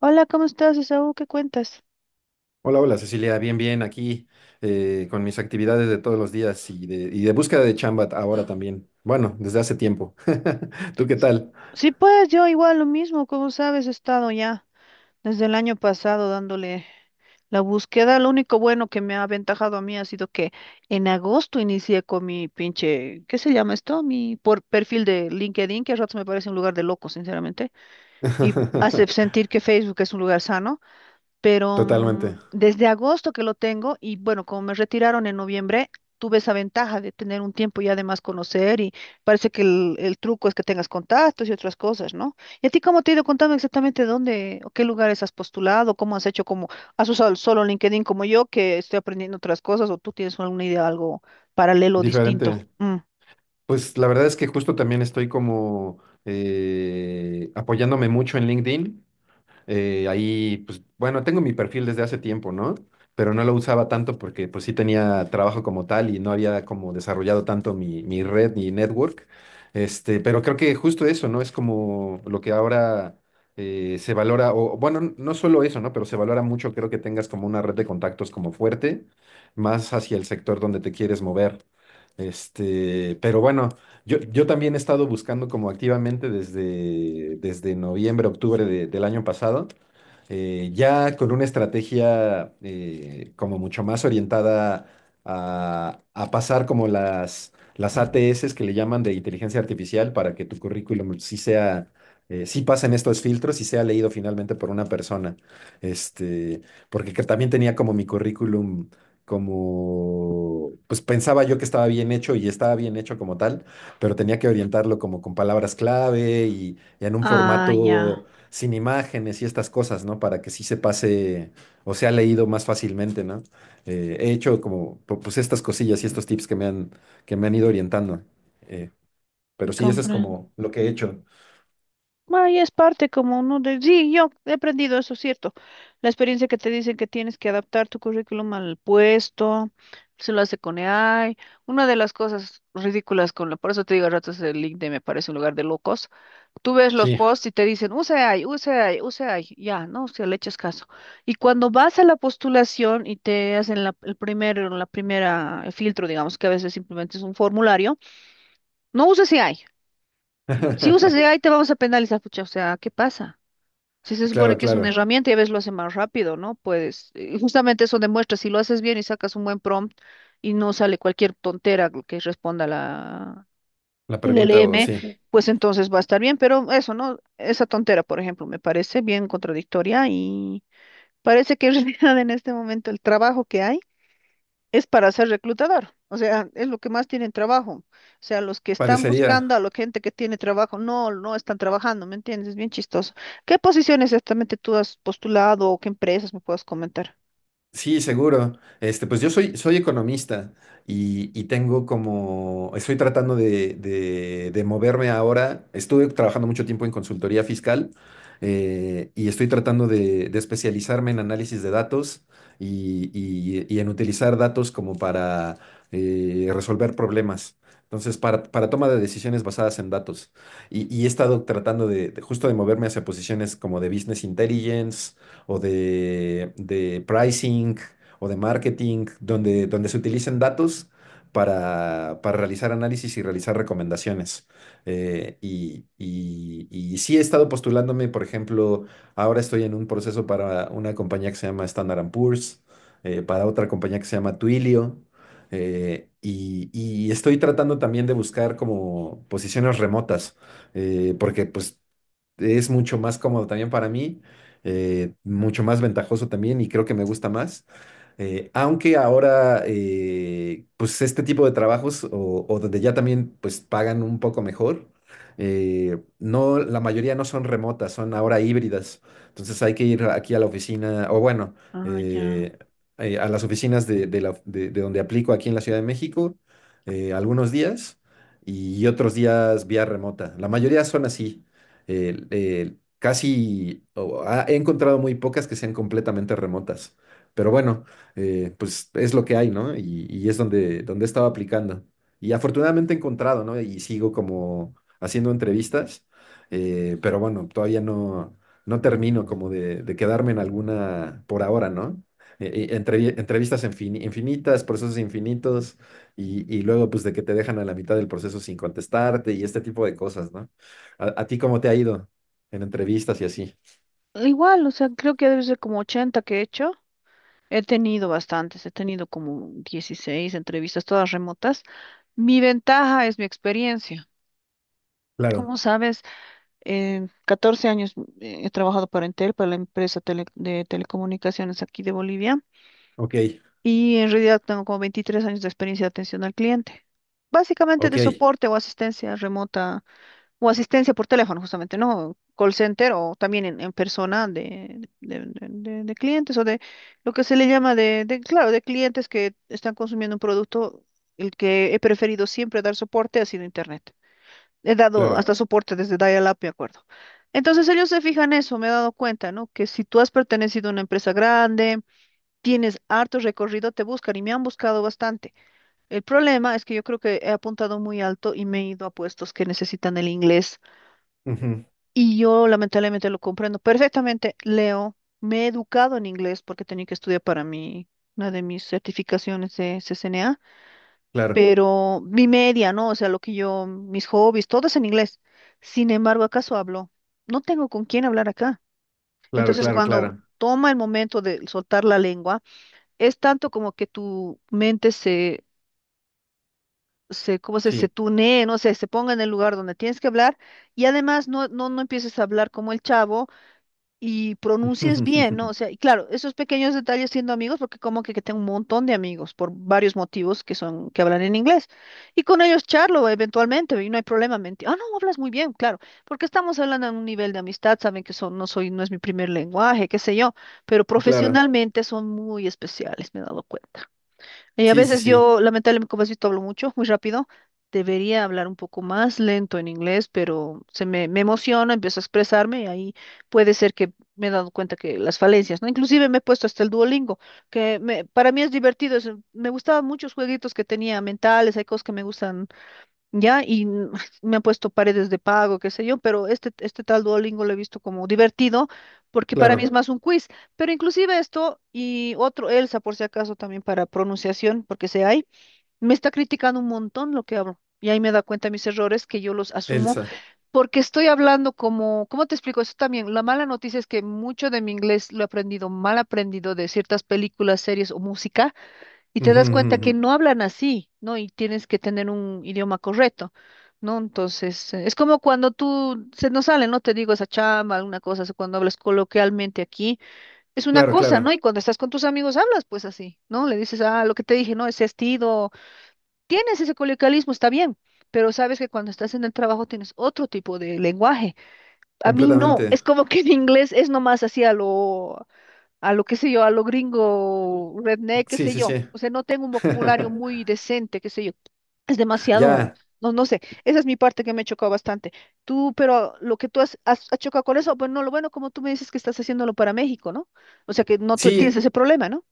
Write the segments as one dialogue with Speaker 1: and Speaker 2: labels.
Speaker 1: Hola, ¿cómo estás, Isaú? ¿Qué cuentas?
Speaker 2: Hola, hola Cecilia, bien, bien, aquí con mis actividades de todos los días y de búsqueda de chamba ahora también. Bueno, desde hace tiempo. ¿Tú qué tal?
Speaker 1: Sí, pues yo igual lo mismo, como sabes, he estado ya desde el año pasado dándole la búsqueda. Lo único bueno que me ha aventajado a mí ha sido que en agosto inicié con mi pinche, ¿qué se llama esto? Mi por perfil de LinkedIn, que a ratos me parece un lugar de locos, sinceramente, y hace sentir que Facebook es un lugar sano. Pero
Speaker 2: Totalmente,
Speaker 1: desde agosto que lo tengo y bueno, como me retiraron en noviembre, tuve esa ventaja de tener un tiempo y además conocer y parece que el truco es que tengas contactos y otras cosas, ¿no? ¿Y a ti cómo te ha ido contando exactamente dónde o qué lugares has postulado, cómo has hecho, cómo has usado el solo LinkedIn como yo que estoy aprendiendo otras cosas o tú tienes alguna idea, algo paralelo, distinto?
Speaker 2: diferente.
Speaker 1: Mm.
Speaker 2: Pues la verdad es que justo también estoy como apoyándome mucho en LinkedIn. Ahí, pues, bueno, tengo mi perfil desde hace tiempo, ¿no? Pero no lo usaba tanto porque pues sí tenía trabajo como tal y no había como desarrollado tanto mi red, mi network. Este, pero creo que justo eso, ¿no? Es como lo que ahora se valora, o bueno, no solo eso, ¿no? Pero se valora mucho, creo que tengas como una red de contactos como fuerte, más hacia el sector donde te quieres mover. Este, pero bueno. Yo también he estado buscando como activamente desde noviembre, octubre del año pasado, ya con una estrategia como mucho más orientada a pasar como las ATS que le llaman de inteligencia artificial para que tu currículum sí sea, sí pasen estos filtros y sea leído finalmente por una persona. Este, porque que también tenía como mi currículum, como, pues pensaba yo que estaba bien hecho y estaba bien hecho como tal, pero tenía que orientarlo como con palabras clave y en un
Speaker 1: Ah,
Speaker 2: formato
Speaker 1: ya,
Speaker 2: sin imágenes y estas cosas, ¿no? Para que sí se pase o sea leído más fácilmente, ¿no? He hecho como pues estas cosillas y estos tips que me han ido orientando. eh, pero sí, eso es
Speaker 1: comprendo.
Speaker 2: como lo que he hecho.
Speaker 1: Ah, es parte como uno de... Sí, yo he aprendido eso, cierto. La experiencia que te dicen que tienes que adaptar tu currículum al puesto, se lo hace con AI. Una de las cosas ridículas con la... Por eso te digo a ratos el LinkedIn me parece un lugar de locos. Tú ves los
Speaker 2: Sí.
Speaker 1: posts y te dicen, use AI, use AI, use AI. Ya, no, si le echas caso. Y cuando vas a la postulación y te hacen la, el primer, la primera el filtro, digamos, que a veces simplemente es un formulario, no uses AI. Si usas AI te vamos a penalizar, pucha, o sea, ¿qué pasa? Si se supone
Speaker 2: Claro,
Speaker 1: que es una
Speaker 2: claro.
Speaker 1: herramienta y a veces lo hace más rápido, ¿no? Pues justamente eso demuestra, si lo haces bien y sacas un buen prompt y no sale cualquier tontera que responda la
Speaker 2: La
Speaker 1: el
Speaker 2: pregunta, o
Speaker 1: LM,
Speaker 2: sí,
Speaker 1: pues entonces va a estar bien, pero eso, ¿no? Esa tontera, por ejemplo, me parece bien contradictoria y parece que en realidad en este momento el trabajo que hay es para ser reclutador. O sea, es lo que más tienen trabajo. O sea, los que están
Speaker 2: parecería.
Speaker 1: buscando a la gente que tiene trabajo, no, no están trabajando, ¿me entiendes? Es bien chistoso. ¿Qué posiciones exactamente tú has postulado o qué empresas me puedes comentar?
Speaker 2: Sí, seguro. Este, pues yo soy, soy economista y tengo como, estoy tratando de moverme ahora. Estuve trabajando mucho tiempo en consultoría fiscal, y estoy tratando de especializarme en análisis de datos y en utilizar datos como para resolver problemas. Entonces, para toma de decisiones basadas en datos. Y he estado tratando de, justo de moverme hacia posiciones como de business intelligence o de pricing o de marketing, donde, donde se utilicen datos para realizar análisis y realizar recomendaciones. Y sí he estado postulándome, por ejemplo, ahora estoy en un proceso para una compañía que se llama Standard and Poor's, para otra compañía que se llama Twilio. Y, y estoy tratando también de buscar como posiciones remotas, porque pues es mucho más cómodo también para mí, mucho más ventajoso también y creo que me gusta más. Aunque ahora, pues este tipo de trabajos o donde ya también pues pagan un poco mejor, no, la mayoría no son remotas, son ahora híbridas. Entonces hay que ir aquí a la oficina, o bueno,
Speaker 1: Ah, ya.
Speaker 2: eh, a las oficinas de donde aplico aquí en la Ciudad de México, algunos días y otros días vía remota. La mayoría son así casi he encontrado muy pocas que sean completamente remotas. Pero bueno, pues es lo que hay, ¿no? Y es donde, donde he estado aplicando. Y afortunadamente he encontrado, ¿no? Y sigo como haciendo entrevistas, pero bueno, todavía no, no termino como de quedarme en alguna por ahora, ¿no? Entrevistas infinitas, procesos infinitos, y luego pues de que te dejan a la mitad del proceso sin contestarte y este tipo de cosas, ¿no? ¿A ti cómo te ha ido en entrevistas y así?
Speaker 1: Igual, o sea, creo que debe ser como 80 que he hecho. He tenido bastantes, he tenido como 16 entrevistas, todas remotas. Mi ventaja es mi experiencia.
Speaker 2: Claro,
Speaker 1: Como sabes, 14 años he trabajado para Entel, para la empresa de telecomunicaciones aquí de Bolivia,
Speaker 2: ok,
Speaker 1: y en realidad tengo como 23 años de experiencia de atención al cliente. Básicamente
Speaker 2: ok,
Speaker 1: de soporte o asistencia remota, o asistencia por teléfono justamente, ¿no? Call center o también en persona de, de clientes o de lo que se le llama de, claro, de clientes que están consumiendo un producto, el que he preferido siempre dar soporte ha sido Internet. He dado
Speaker 2: claro,
Speaker 1: hasta soporte desde dial-up, me acuerdo. Entonces ellos se fijan eso, me he dado cuenta, ¿no? Que si tú has pertenecido a una empresa grande, tienes harto recorrido, te buscan y me han buscado bastante. El problema es que yo creo que he apuntado muy alto y me he ido a puestos que necesitan el inglés
Speaker 2: ujú,
Speaker 1: y yo lamentablemente lo comprendo perfectamente, leo, me he educado en inglés porque tenía que estudiar para mí, una de mis certificaciones de CCNA,
Speaker 2: claro,
Speaker 1: pero mi media, ¿no? O sea, lo que yo, mis hobbies, todo es en inglés. Sin embargo, ¿acaso hablo? No tengo con quién hablar acá.
Speaker 2: claro,
Speaker 1: Entonces, Ujú,
Speaker 2: claro,
Speaker 1: cuando
Speaker 2: claro,
Speaker 1: toma el momento de soltar la lengua, es tanto como que tu mente ¿cómo se
Speaker 2: sí,
Speaker 1: tunee, no sé, se ponga en el lugar donde tienes que hablar y además no empieces a hablar como el chavo y pronuncies bien, ¿no? O sea, y claro, esos pequeños detalles siendo amigos, porque como que tengo un montón de amigos por varios motivos que son, que hablan en inglés. Y con ellos charlo eventualmente y no hay problema. Mentir. Ah, no, hablas muy bien, claro, porque estamos hablando en un nivel de amistad, saben que son, no soy, no es mi primer lenguaje, qué sé yo, pero
Speaker 2: claro,
Speaker 1: profesionalmente son muy especiales, me he dado cuenta. Y a
Speaker 2: sí, sí,
Speaker 1: veces
Speaker 2: sí,
Speaker 1: yo, lamentablemente, como has visto, hablo mucho, muy rápido. Debería hablar un poco más lento en inglés, pero se me, me emociona, empiezo a expresarme y ahí puede ser que me he dado cuenta que las falencias, ¿no? Inclusive me he puesto hasta el Duolingo, que para mí es divertido. Me gustaban muchos jueguitos que tenía mentales, hay cosas que me gustan ya, y me han puesto paredes de pago, qué sé yo, pero este tal Duolingo lo he visto como divertido, porque para mí es
Speaker 2: claro,
Speaker 1: más un quiz, pero inclusive esto y otro Elsa, por si acaso, también para pronunciación, porque sé hay, me está criticando un montón lo que hablo, y ahí me da cuenta mis errores, que yo los asumo,
Speaker 2: Elsa,
Speaker 1: porque estoy hablando como, ¿cómo te explico eso también? La mala noticia es que mucho de mi inglés lo he aprendido mal aprendido de ciertas películas, series o música y te
Speaker 2: ujú, ujú,
Speaker 1: das cuenta
Speaker 2: ujú,
Speaker 1: que no hablan así, ¿no? Y tienes que tener un idioma correcto, ¿no? Entonces, es como cuando tú, se nos sale, ¿no? Te digo esa chamba, alguna cosa, así, cuando hablas coloquialmente aquí, es una
Speaker 2: claro,
Speaker 1: cosa, ¿no? Y
Speaker 2: claro,
Speaker 1: cuando estás con tus amigos hablas pues así, ¿no? Le dices, ah, lo que te dije, ¿no? Ese estilo, tienes ese coloquialismo, está bien, pero sabes que cuando estás en el trabajo tienes otro tipo de lenguaje. A mí no, es
Speaker 2: completamente,
Speaker 1: como que en inglés es nomás así a lo qué sé yo, a lo gringo, redneck, qué
Speaker 2: sí,
Speaker 1: sé
Speaker 2: sí,
Speaker 1: yo.
Speaker 2: sí,
Speaker 1: O sea, no tengo un vocabulario muy decente, qué sé yo. Es demasiado,
Speaker 2: ya,
Speaker 1: no, no sé. Esa es mi parte que me ha chocado bastante. Tú, pero lo que tú has chocado con eso, bueno, lo bueno, como tú me dices que estás haciéndolo para México, ¿no? O sea, que no tú tienes
Speaker 2: sí.
Speaker 1: ese problema, ¿no?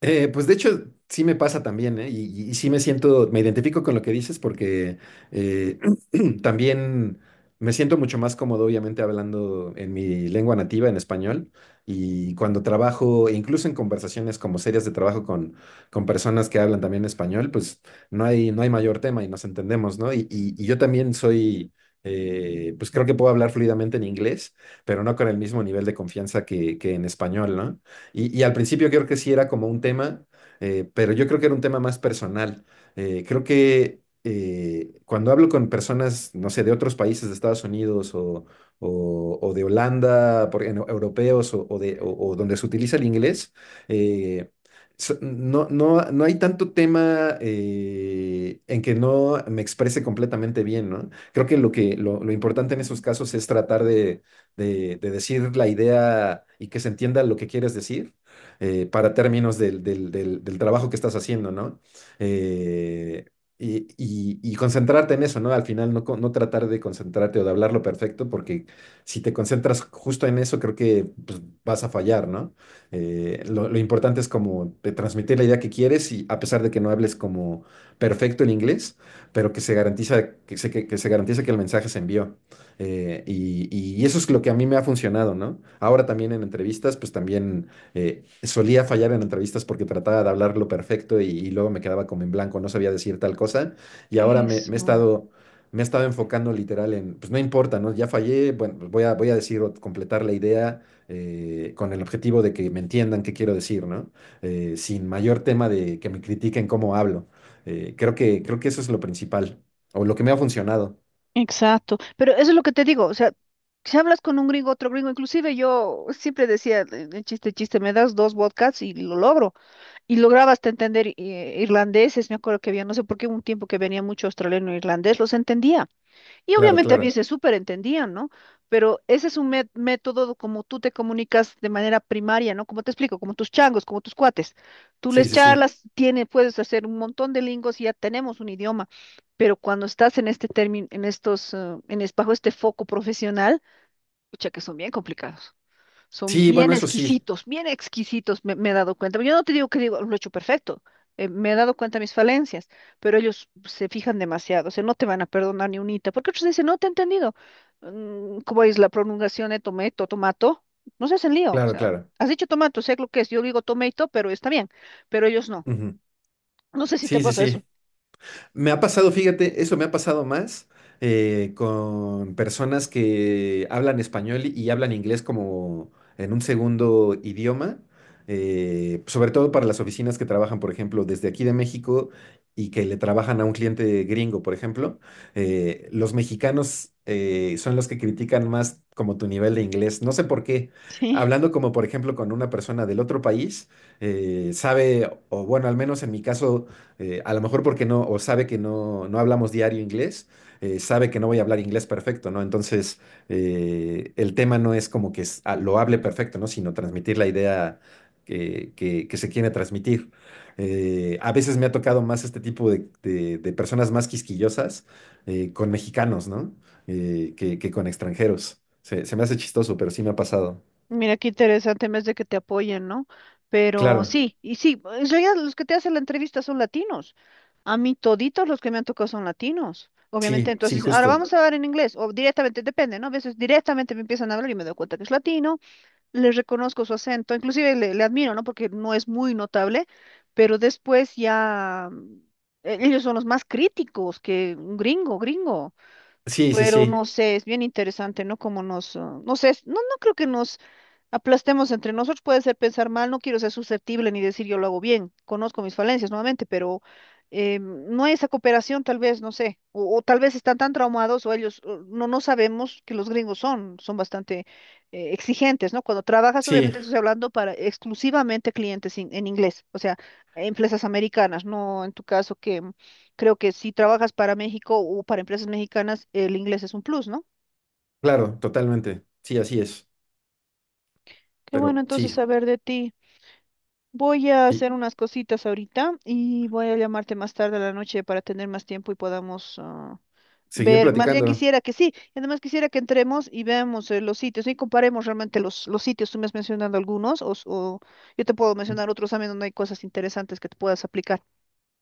Speaker 2: Pues de hecho, sí me pasa también, ¿eh? Y, y sí me siento, me identifico con lo que dices porque eh, también me siento mucho más cómodo, obviamente, hablando en mi lengua nativa, en español, y cuando trabajo, e incluso en conversaciones como serias de trabajo con personas que hablan también español, pues no hay, no hay mayor tema y nos entendemos, ¿no? Y, y yo también soy, pues creo que puedo hablar fluidamente en inglés, pero no con el mismo nivel de confianza que en español, ¿no? Y al principio creo que sí era como un tema, pero yo creo que era un tema más personal. Creo que cuando hablo con personas, no sé, de otros países, de Estados Unidos o, o de Holanda, por, europeos o de, o donde se utiliza el inglés, eh, no, no, no hay tanto tema en que no me exprese completamente bien, ¿no? Creo que lo que lo importante en esos casos es tratar de de decir la idea y que se entienda lo que quieres decir, para términos del trabajo que estás haciendo, ¿no? Eh, y, y concentrarte en eso, ¿no? Al final no, no tratar de concentrarte o de hablarlo perfecto, porque si te concentras justo en eso, creo que pues, vas a fallar, ¿no? Lo importante es como de transmitir la idea que quieres, y a pesar de que no hables como perfecto el inglés, pero que se garantiza que se garantice que el mensaje se envió. Y, y eso es lo que a mí me ha funcionado, ¿no? Ahora también en entrevistas, pues también solía fallar en entrevistas porque trataba de hablar lo perfecto y luego me quedaba como en blanco, no sabía decir tal cosa. Y ahora me,
Speaker 1: Eso,
Speaker 2: me he estado enfocando literal en, pues no importa, ¿no? Ya fallé, bueno, pues voy a, voy a decir o completar la idea con el objetivo de que me entiendan qué quiero decir, ¿no? Sin mayor tema de que me critiquen cómo hablo. Creo que eso es lo principal, o lo que me ha funcionado.
Speaker 1: exacto. Pero eso es lo que te digo, o sea, si hablas con un gringo, otro gringo, inclusive yo siempre decía, el chiste, chiste, me das dos vodkas y lo logro. Y lograbaste entender irlandeses, me acuerdo que había, no sé por qué, un tiempo que venía mucho australiano e irlandés, los entendía. Y
Speaker 2: Claro,
Speaker 1: obviamente a mí
Speaker 2: claro.
Speaker 1: se súper entendían, ¿no? Pero ese es un método como tú te comunicas de manera primaria, ¿no? Como te explico, como tus changos, como tus cuates. Tú les
Speaker 2: Sí, sí, sí.
Speaker 1: charlas, tiene, puedes hacer un montón de lingos y ya tenemos un idioma. Pero cuando estás en este término, en estos, en bajo este foco profesional, escucha que son bien complicados. Son
Speaker 2: Sí, bueno, eso sí,
Speaker 1: bien exquisitos, me he dado cuenta. Yo no te digo que digo, lo he hecho perfecto, me he dado cuenta de mis falencias, pero ellos se fijan demasiado, o sea, no te van a perdonar ni unita, porque otros dicen, no te he entendido. ¿Cómo es la pronunciación de tomato, tomato? No se hacen lío, o
Speaker 2: claro,
Speaker 1: sea,
Speaker 2: claro.
Speaker 1: has dicho tomato, sé lo que es, yo digo tomato, pero está bien, pero ellos no.
Speaker 2: Ujú.
Speaker 1: No sé si te
Speaker 2: Sí, sí,
Speaker 1: pasa eso.
Speaker 2: sí. Me ha pasado, fíjate, eso me ha pasado más con personas que hablan español y hablan inglés como en un segundo idioma, sobre todo para las oficinas que trabajan, por ejemplo, desde aquí de México y que le trabajan a un cliente gringo, por ejemplo. Los mexicanos son los que critican más como tu nivel de inglés. No sé por qué.
Speaker 1: Sí.
Speaker 2: Hablando como, por ejemplo, con una persona del otro país, sabe, o bueno, al menos en mi caso a lo mejor porque no, o sabe que no, no hablamos diario inglés, sabe que no voy a hablar inglés perfecto, ¿no? Entonces, el tema no es como que ah, lo hable perfecto, ¿no? Sino transmitir la idea que, que se quiere transmitir. A veces me ha tocado más este tipo de, de personas más quisquillosas con mexicanos, ¿no? Que con extranjeros. Se me hace chistoso, pero sí me ha pasado.
Speaker 1: Mira qué interesante, más de que te apoyen, ¿no? Pero
Speaker 2: Claro,
Speaker 1: sí, y sí, en realidad los que te hacen la entrevista son latinos. A mí toditos los que me han tocado son latinos. Obviamente,
Speaker 2: sí, sí,
Speaker 1: entonces, ahora
Speaker 2: justo.
Speaker 1: vamos a hablar en inglés, o directamente, depende, ¿no? A veces directamente me empiezan a hablar y me doy cuenta que es latino, le reconozco su acento, inclusive le, le admiro, ¿no? Porque no es muy notable, pero después ya ellos son los más críticos que un gringo, gringo.
Speaker 2: Sí, sí,
Speaker 1: Pero no
Speaker 2: sí,
Speaker 1: sé, es bien interesante, ¿no? Como nos, ah, no sé, no, no creo que nos aplastemos entre nosotros, puede ser pensar mal, no quiero ser susceptible ni decir yo lo hago bien, conozco mis falencias nuevamente, pero no hay esa cooperación tal vez, no sé, o tal vez están tan traumados o ellos, o no, no sabemos que los gringos son, son bastante exigentes, ¿no? Cuando trabajas,
Speaker 2: sí,
Speaker 1: obviamente estoy hablando para exclusivamente clientes en inglés, o sea, empresas americanas, no en tu caso que creo que si trabajas para México o para empresas mexicanas, el inglés es un plus, ¿no?
Speaker 2: claro, totalmente. Sí, así es.
Speaker 1: Qué bueno
Speaker 2: Pero
Speaker 1: entonces
Speaker 2: sí,
Speaker 1: saber de ti. Voy a
Speaker 2: y
Speaker 1: hacer unas cositas ahorita y voy a llamarte más tarde a la noche para tener más tiempo y podamos ah,
Speaker 2: seguir
Speaker 1: ver. Más bien
Speaker 2: platicando.
Speaker 1: quisiera que sí, y además quisiera que entremos y veamos los sitios y comparemos realmente los sitios. Tú me has mencionado algunos o, o yo te puedo mencionar otros también donde hay cosas interesantes que te puedas aplicar.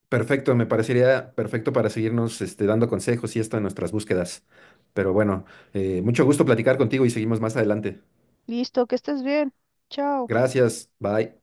Speaker 2: Perfecto, me parecería perfecto para seguirnos este, dando consejos y esto en nuestras búsquedas. Pero bueno, mucho gusto platicar contigo y seguimos más adelante.
Speaker 1: Listo, que estés bien. Chao.
Speaker 2: Gracias, bye.